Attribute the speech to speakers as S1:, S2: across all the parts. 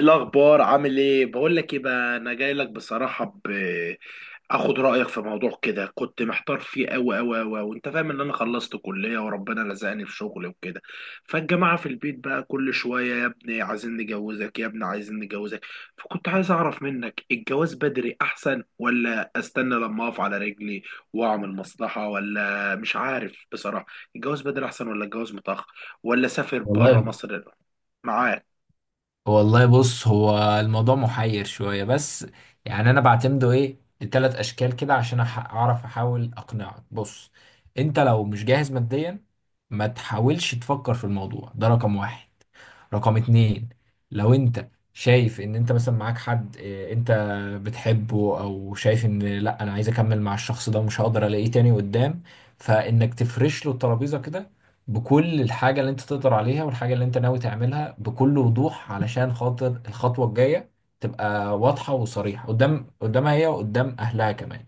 S1: الأخبار عامل إيه؟ بقول لك إيه بقى، أنا جاي لك بصراحة آخد رأيك في موضوع كده. كنت محتار فيه أوي أوي أوي، وأنت فاهم إن أنا خلصت كلية وربنا لزقني في شغل وكده. فالجماعة في البيت بقى كل شوية: يا ابني عايزين نجوزك، يا ابني عايزين نجوزك. فكنت عايز أعرف منك، الجواز بدري أحسن ولا أستنى لما أقف على رجلي وأعمل مصلحة؟ ولا مش عارف بصراحة. الجواز بدري أحسن ولا الجواز متأخر؟ ولا أسافر بره
S2: والله
S1: مصر؟ معاك.
S2: والله بص، هو الموضوع محير شوية. بس يعني أنا بعتمده إيه لتلات أشكال كده عشان أعرف أحاول أقنعك. بص، أنت لو مش جاهز ماديا ما تحاولش تفكر في الموضوع ده. رقم واحد. رقم اتنين، لو انت شايف ان انت مثلا معاك حد انت بتحبه او شايف ان لا انا عايز اكمل مع الشخص ده ومش هقدر الاقيه تاني قدام، فانك تفرش له الترابيزة كده بكل الحاجة اللي انت تقدر عليها والحاجة اللي انت ناوي تعملها بكل وضوح علشان خاطر الخطوة الجاية تبقى واضحة وصريحة قدامها هي وقدام اهلها كمان.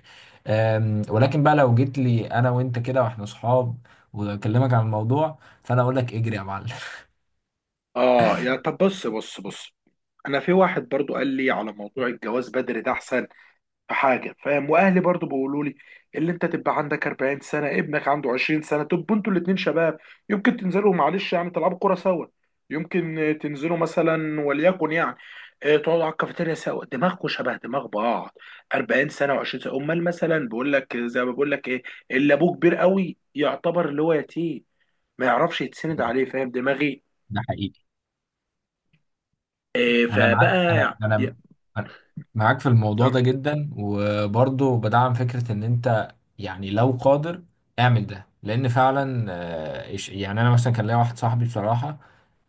S2: ولكن بقى لو جيت لي انا وانت كده واحنا صحاب واكلمك عن الموضوع، فانا اقول لك اجري يا معلم.
S1: اه، يا طب بص بص بص، انا في واحد برضو قال لي على موضوع الجواز بدري ده احسن. في حاجه فاهم، واهلي برضو بيقولوا لي اللي انت تبقى عندك 40 سنه، ابنك عنده 20 سنه، تبقوا انتوا الاتنين شباب. يمكن تنزلوا معلش يعني تلعبوا كوره سوا. يمكن تنزلوا مثلا وليكن يعني تقعدوا على الكافيتيريا سوا، دماغكم شبه دماغ بعض. 40 سنه و20 سنه، امال مثلا بيقول لك زي ما بقول لك ايه، اللي ابوه كبير قوي يعتبر اللي هو يتيم، ما يعرفش يتسند عليه. فاهم دماغي؟
S2: ده حقيقي.
S1: إيه
S2: انا
S1: فبقى
S2: معاك. انا
S1: يعني
S2: انا أنا معاك في الموضوع ده جدا، وبرضه بدعم فكرة ان انت يعني لو قادر اعمل ده، لان فعلا يعني انا مثلا كان ليا واحد صاحبي بصراحة.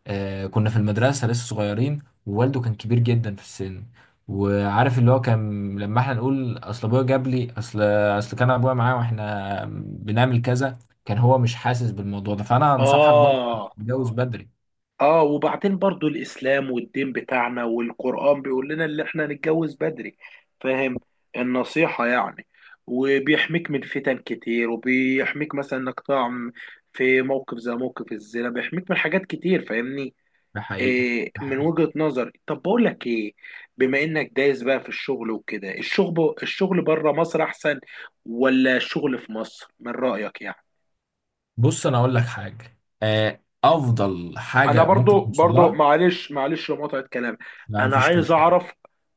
S2: كنا في المدرسة لسه صغيرين ووالده كان كبير جدا في السن، وعارف اللي هو كان لما احنا نقول اصل ابويا جاب لي اصل كان ابويا معايا واحنا بنعمل كذا، كان هو مش حاسس بالموضوع ده. فانا انصحك برضه
S1: اه
S2: تتجوز بدري.
S1: اه وبعدين برضو الاسلام والدين بتاعنا والقرآن بيقول لنا اللي احنا نتجوز بدري. فاهم؟ النصيحة يعني. وبيحميك من فتن كتير، وبيحميك مثلا انك تقع في موقف زي موقف الزنا. بيحميك من حاجات كتير فاهمني.
S2: ده حقيقي،
S1: إيه
S2: ده
S1: من
S2: حقيقي.
S1: وجهة نظري. طب بقول لك ايه، بما انك دايس بقى في الشغل وكده، الشغل الشغل بره مصر احسن ولا الشغل في مصر من رأيك يعني؟
S2: بص، انا اقول لك حاجه، افضل
S1: انا
S2: حاجه ممكن
S1: برضو
S2: توصل
S1: برضو
S2: لها.
S1: معلش معلش لمقاطعة كلام،
S2: لا،
S1: انا
S2: مفيش
S1: عايز
S2: مشكله.
S1: اعرف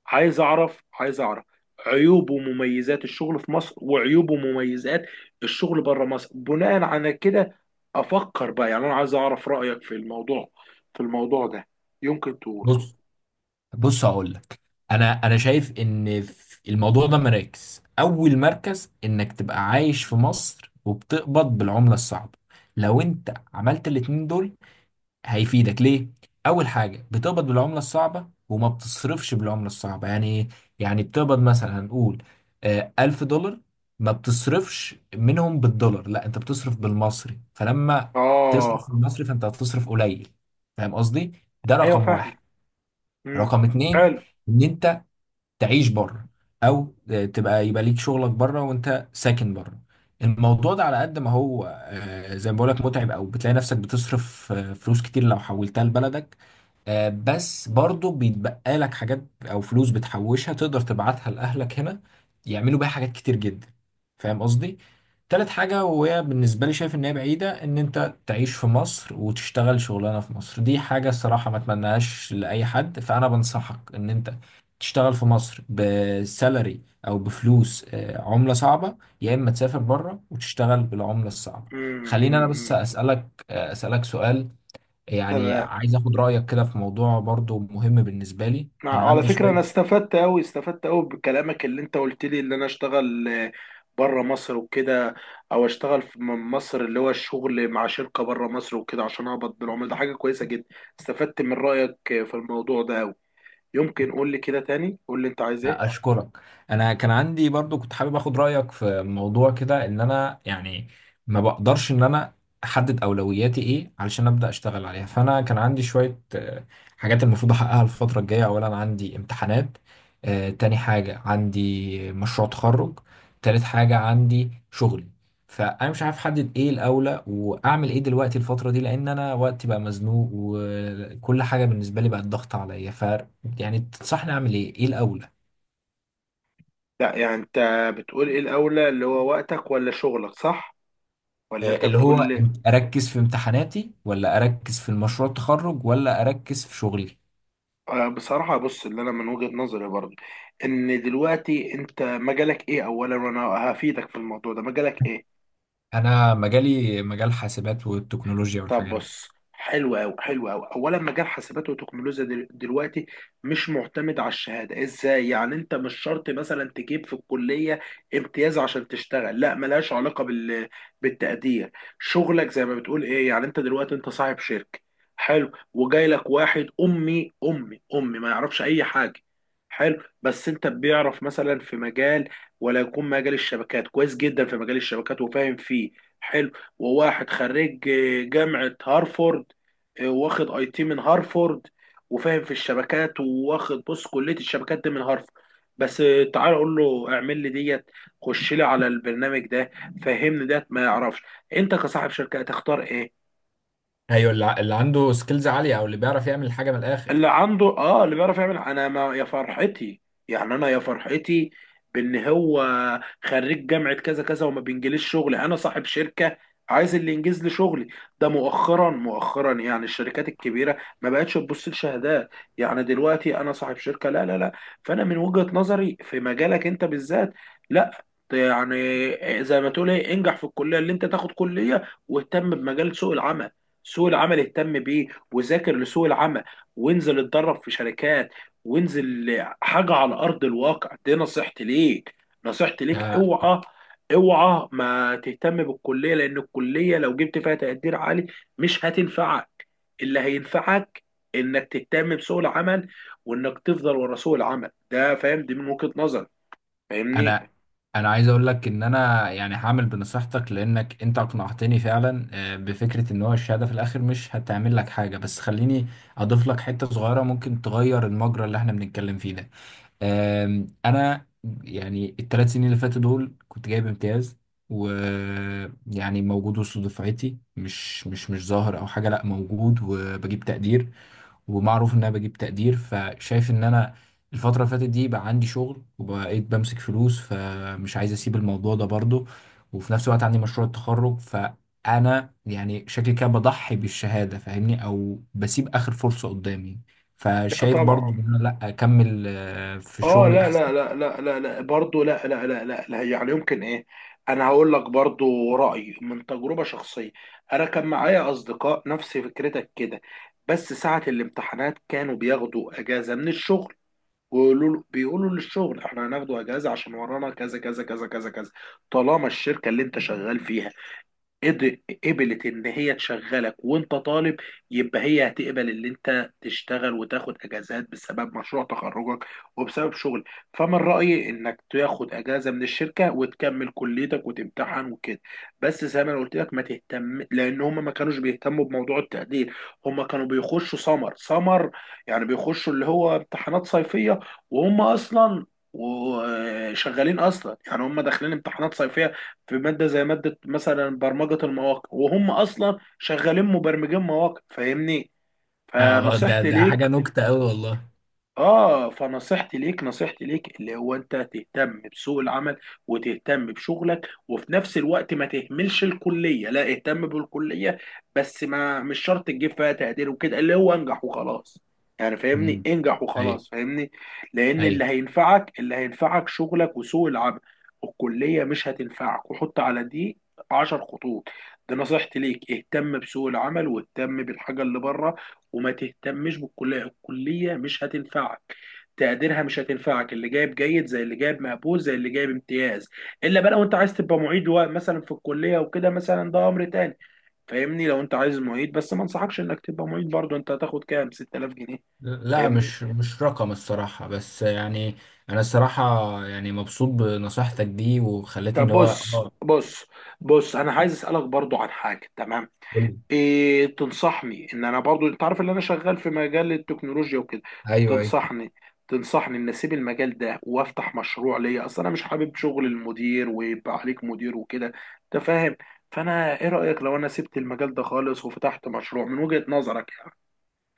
S1: عايز اعرف عايز اعرف عيوب ومميزات الشغل في مصر، وعيوب ومميزات الشغل بره مصر، بناء على كده افكر بقى يعني. انا عايز اعرف رأيك في الموضوع، في الموضوع ده. يمكن تقول.
S2: بص، بص هقول لك. انا شايف ان في الموضوع ده مراكز. اول مركز انك تبقى عايش في مصر وبتقبض بالعمله الصعبه. لو انت عملت الاتنين دول هيفيدك ليه؟ أول حاجة بتقبض بالعملة الصعبة وما بتصرفش بالعملة الصعبة، يعني إيه؟ يعني بتقبض مثلا، هنقول 1000 دولار. ما بتصرفش منهم بالدولار، لا، أنت بتصرف بالمصري، فلما تصرف
S1: اه.
S2: بالمصري فأنت هتصرف قليل، فاهم قصدي؟ ده
S1: ايوه
S2: رقم واحد.
S1: فاهم. امم
S2: رقم اتنين،
S1: حلو.
S2: إن تعيش بره او تبقى، يبقى ليك شغلك بره وانت ساكن بره. الموضوع ده على قد ما هو زي ما بقولك متعب او بتلاقي نفسك بتصرف فلوس كتير لو حولتها لبلدك، بس برضه بيتبقى لك حاجات او فلوس بتحوشها تقدر تبعتها لاهلك هنا يعملوا بيها حاجات كتير جدا، فاهم قصدي. تالت حاجة، وهي بالنسبة لي شايف ان هي بعيدة، ان انت تعيش في مصر وتشتغل شغلانة في مصر. دي حاجة الصراحة ما اتمناهاش لأي حد. فأنا بنصحك ان انت تشتغل في مصر بسالري او بفلوس عملة صعبة، يا اما تسافر بره وتشتغل بالعملة الصعبة. خليني انا بس
S1: امم
S2: اسألك اسألك سؤال، يعني
S1: تمام.
S2: عايز اخد رأيك كده في موضوع برضو مهم بالنسبة لي. انا
S1: على
S2: عندي
S1: فكرة أنا
S2: شوية.
S1: استفدت أوي استفدت أوي بكلامك اللي أنت قلت لي إن أنا أشتغل بره مصر وكده، أو أشتغل في مصر، اللي هو الشغل مع شركة بره مصر وكده عشان أقبض بالعملة. ده حاجة كويسة جدا، استفدت من رأيك في الموضوع ده أوي. يمكن قول لي كده تاني، قول لي أنت عايز إيه.
S2: اشكرك. انا كان عندي برضو كنت حابب اخد رايك في موضوع كده، ان انا يعني ما بقدرش ان انا احدد اولوياتي ايه علشان ابدا اشتغل عليها. فانا كان عندي شويه حاجات المفروض احققها الفتره الجايه. اولا عندي امتحانات. تاني حاجه عندي مشروع تخرج. تالت حاجه عندي شغلي. فانا مش عارف احدد ايه الاولى واعمل ايه دلوقتي الفتره دي، لان انا وقتي بقى مزنوق وكل حاجه بالنسبه لي بقت ضغط عليا. ف يعني تنصحني اعمل ايه، ايه الاول؟
S1: لا يعني أنت بتقول إيه الأولى، اللي هو وقتك ولا شغلك، صح؟ ولا أنت
S2: اللي هو
S1: بتقول
S2: اركز في امتحاناتي ولا اركز في المشروع التخرج ولا اركز في شغلي؟
S1: بصراحة بص، اللي أنا من وجهة نظري برضه إن دلوقتي أنت مجالك إيه أولا، وأنا هفيدك في الموضوع ده. مجالك إيه؟
S2: انا مجالي مجال حاسبات والتكنولوجيا
S1: طب
S2: والحاجات دي.
S1: بص، حلو قوي حلو قوي. اولا مجال حاسبات وتكنولوجيا دلوقتي مش معتمد على الشهاده. ازاي يعني؟ انت مش شرط مثلا تجيب في الكليه امتياز عشان تشتغل، لا، ملهاش علاقه بال بالتقدير. شغلك زي ما بتقول ايه يعني. انت دلوقتي انت صاحب شركه، حلو، وجاي لك واحد امي امي امي ما يعرفش اي حاجه، حلو. بس انت بيعرف مثلا في مجال، ولا يكون مجال الشبكات كويس جدا، في مجال الشبكات وفاهم فيه، حلو. وواحد خريج جامعة هارفورد، واخد اي تي من هارفورد وفاهم في الشبكات، واخد بص كلية الشبكات دي من هارفورد بس. تعال اقول له اعمل لي ديت، خش لي على البرنامج ده، فهمني ديت ما يعرفش. انت كصاحب شركة هتختار ايه؟
S2: ايوه، اللي عنده سكيلز عاليه او اللي بيعرف يعمل حاجه من الاخر.
S1: اللي عنده اه اللي بيعرف يعمل. انا ما يا فرحتي يعني، انا يا فرحتي بان هو خريج جامعة كذا كذا وما بينجليش شغل. انا صاحب شركة عايز اللي ينجز لي شغلي. ده مؤخرا مؤخرا يعني الشركات الكبيرة ما بقتش تبص لشهادات، يعني دلوقتي انا صاحب شركة لا لا لا. فانا من وجهة نظري في مجالك انت بالذات لا، يعني زي ما تقول ايه، انجح في الكلية اللي انت تاخد كلية، واهتم بمجال سوق العمل. سوق العمل اهتم بيه، وذاكر لسوق العمل، وانزل اتدرب في شركات، وانزل حاجة على أرض الواقع. دي نصيحتي ليك، نصيحتي ليك.
S2: آه،
S1: اوعى اوعى ما تهتم بالكلية، لأن الكلية لو جبت فيها تقدير عالي مش هتنفعك. اللي هينفعك إنك تهتم بسوق العمل، وإنك تفضل ورا سوق العمل ده فاهم. دي من وجهة نظري فاهمني؟
S2: انا انا عايز اقول لك ان انا يعني هعمل بنصيحتك، لانك انت اقنعتني فعلا بفكره ان هو الشهاده في الاخر مش هتعمل لك حاجه، بس خليني اضيف لك حته صغيره ممكن تغير المجرى اللي احنا بنتكلم فيه ده. انا يعني 3 سنين اللي فاتوا دول كنت جايب امتياز، ويعني موجود وسط دفعتي، مش ظاهر او حاجه، لا موجود وبجيب تقدير، ومعروف ان انا بجيب تقدير. فشايف ان انا الفترة اللي فاتت دي بقى عندي شغل وبقيت بمسك فلوس، فمش عايز اسيب الموضوع ده برضو. وفي نفس الوقت عندي مشروع التخرج، فانا يعني شكلي كده بضحي بالشهادة فاهمني، او بسيب اخر فرصة قدامي،
S1: لا
S2: فشايف
S1: طبعا.
S2: برضو ان انا لا، اكمل في
S1: اه
S2: شغلي
S1: لا
S2: احسن.
S1: لا لا لا لا لا برضه لا لا لا لا لا يعني يمكن ايه. انا هقول لك برضه رأيي من تجربة شخصية. انا كان معايا اصدقاء نفس فكرتك كده، بس ساعة الامتحانات كانوا بياخدوا اجازة من الشغل، بيقولوا للشغل احنا هناخدوا اجازة عشان ورانا كذا كذا كذا كذا كذا. طالما الشركة اللي انت شغال فيها قبلت ان هي تشغلك وانت طالب، يبقى هي هتقبل ان انت تشتغل وتاخد اجازات بسبب مشروع تخرجك وبسبب شغل. فمن رايي انك تاخد اجازه من الشركه وتكمل كليتك وتمتحن وكده. بس زي ما انا قلت لك ما تهتم، لان هم ما كانوش بيهتموا بموضوع التقدير. هم كانوا بيخشوا سمر سمر، يعني بيخشوا اللي هو امتحانات صيفيه، وهم اصلا وشغالين اصلا يعني. هم داخلين امتحانات صيفيه في ماده زي ماده مثلا برمجه المواقع، وهم اصلا شغالين مبرمجين مواقع فاهمني.
S2: اه، ده
S1: فنصيحتي
S2: ده حاجة
S1: ليك.
S2: نكتة قوي والله.
S1: اه فنصيحتي ليك، نصيحتي ليك اللي هو انت تهتم بسوق العمل وتهتم بشغلك، وفي نفس الوقت ما تهملش الكليه، لا اهتم بالكليه. بس ما مش شرط تجيب فيها تقدير وكده، اللي هو انجح وخلاص. يعني فاهمني،
S2: امم.
S1: انجح
S2: ايوه،
S1: وخلاص فاهمني. لان اللي
S2: ايوه.
S1: هينفعك اللي هينفعك شغلك وسوق العمل. الكليه مش هتنفعك. وحط على دي 10 خطوط. دي نصيحتي ليك. اهتم بسوق العمل واهتم بالحاجه اللي بره، وما تهتمش بالكليه. الكليه مش هتنفعك، تقديرها مش هتنفعك. اللي جايب جيد زي اللي جايب مقبول زي اللي جايب امتياز. الا بقى لو انت عايز تبقى معيد مثلا في الكليه وكده مثلا، ده امر تاني فاهمني. لو انت عايز معيد، بس ما انصحكش انك تبقى معيد برضه. انت هتاخد كام؟ 6000 جنيه.
S2: لا،
S1: فاهمني؟
S2: مش رقم الصراحة، بس يعني أنا الصراحة يعني مبسوط بنصيحتك دي وخلتني
S1: طب
S2: اللي هو
S1: بص
S2: اه.
S1: بص بص، انا عايز اسالك برضو عن حاجه، تمام؟
S2: قول لي.
S1: إيه تنصحني ان انا برضو، انت عارف ان انا شغال في مجال التكنولوجيا وكده.
S2: أيوه، أيوه.
S1: تنصحني تنصحني ان اسيب المجال ده وافتح مشروع ليا؟ اصل انا مش حابب شغل المدير ويبقى عليك مدير وكده، انت فاهم. فانا ايه رأيك لو انا سبت المجال ده خالص وفتحت مشروع من وجهة نظرك؟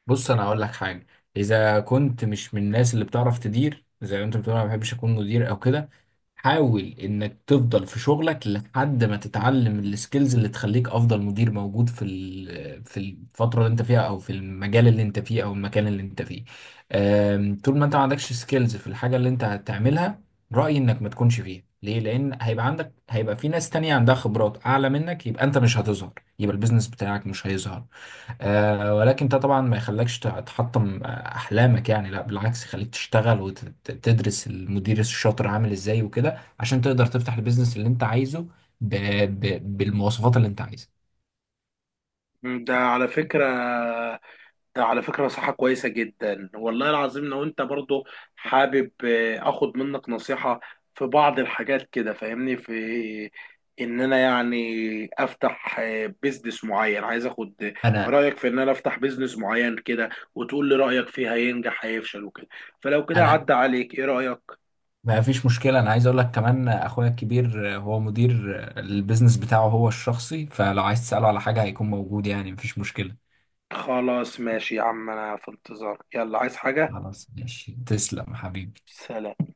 S2: بص، انا هقول لك حاجه. اذا كنت مش من الناس اللي بتعرف تدير، زي ما انت بتقول انا ما بحبش اكون مدير او كده، حاول انك تفضل في شغلك لحد ما تتعلم السكيلز اللي تخليك افضل مدير موجود في في الفتره اللي انت فيها او في المجال اللي انت فيه او المكان اللي انت فيه. طول ما انت ما عندكش سكيلز في الحاجه اللي انت هتعملها، رايي انك ما تكونش فيها. ليه؟ لان هيبقى في ناس تانية عندها خبرات اعلى منك، يبقى انت مش هتظهر، يبقى البيزنس بتاعك مش هيظهر. ولكن ده طبعا ما يخليكش تحطم احلامك، يعني لا بالعكس، يخليك تشتغل وتدرس المدير الشاطر عامل ازاي وكده عشان تقدر تفتح البيزنس اللي انت عايزه ب... بالمواصفات اللي انت عايزها.
S1: يعني ده على فكرة، على فكرة نصيحة كويسة جدا والله العظيم. لو انت برضو حابب اخد منك نصيحة في بعض الحاجات كده فاهمني، في ان انا يعني افتح بيزنس معين. عايز اخد
S2: انا
S1: رأيك في ان انا افتح بيزنس معين كده، وتقول لي رأيك فيه، هينجح هيفشل وكده. فلو كده
S2: انا
S1: عدى عليك ايه رأيك؟
S2: ما فيش مشكله، انا عايز اقول لك كمان اخويا الكبير هو مدير البيزنس بتاعه هو الشخصي، فلو عايز تساله على حاجه هيكون موجود، يعني مفيش مشكله.
S1: خلاص ماشي يا عم انا في انتظارك. يلا عايز حاجة؟
S2: خلاص، ماشي، تسلم حبيبي.
S1: سلام.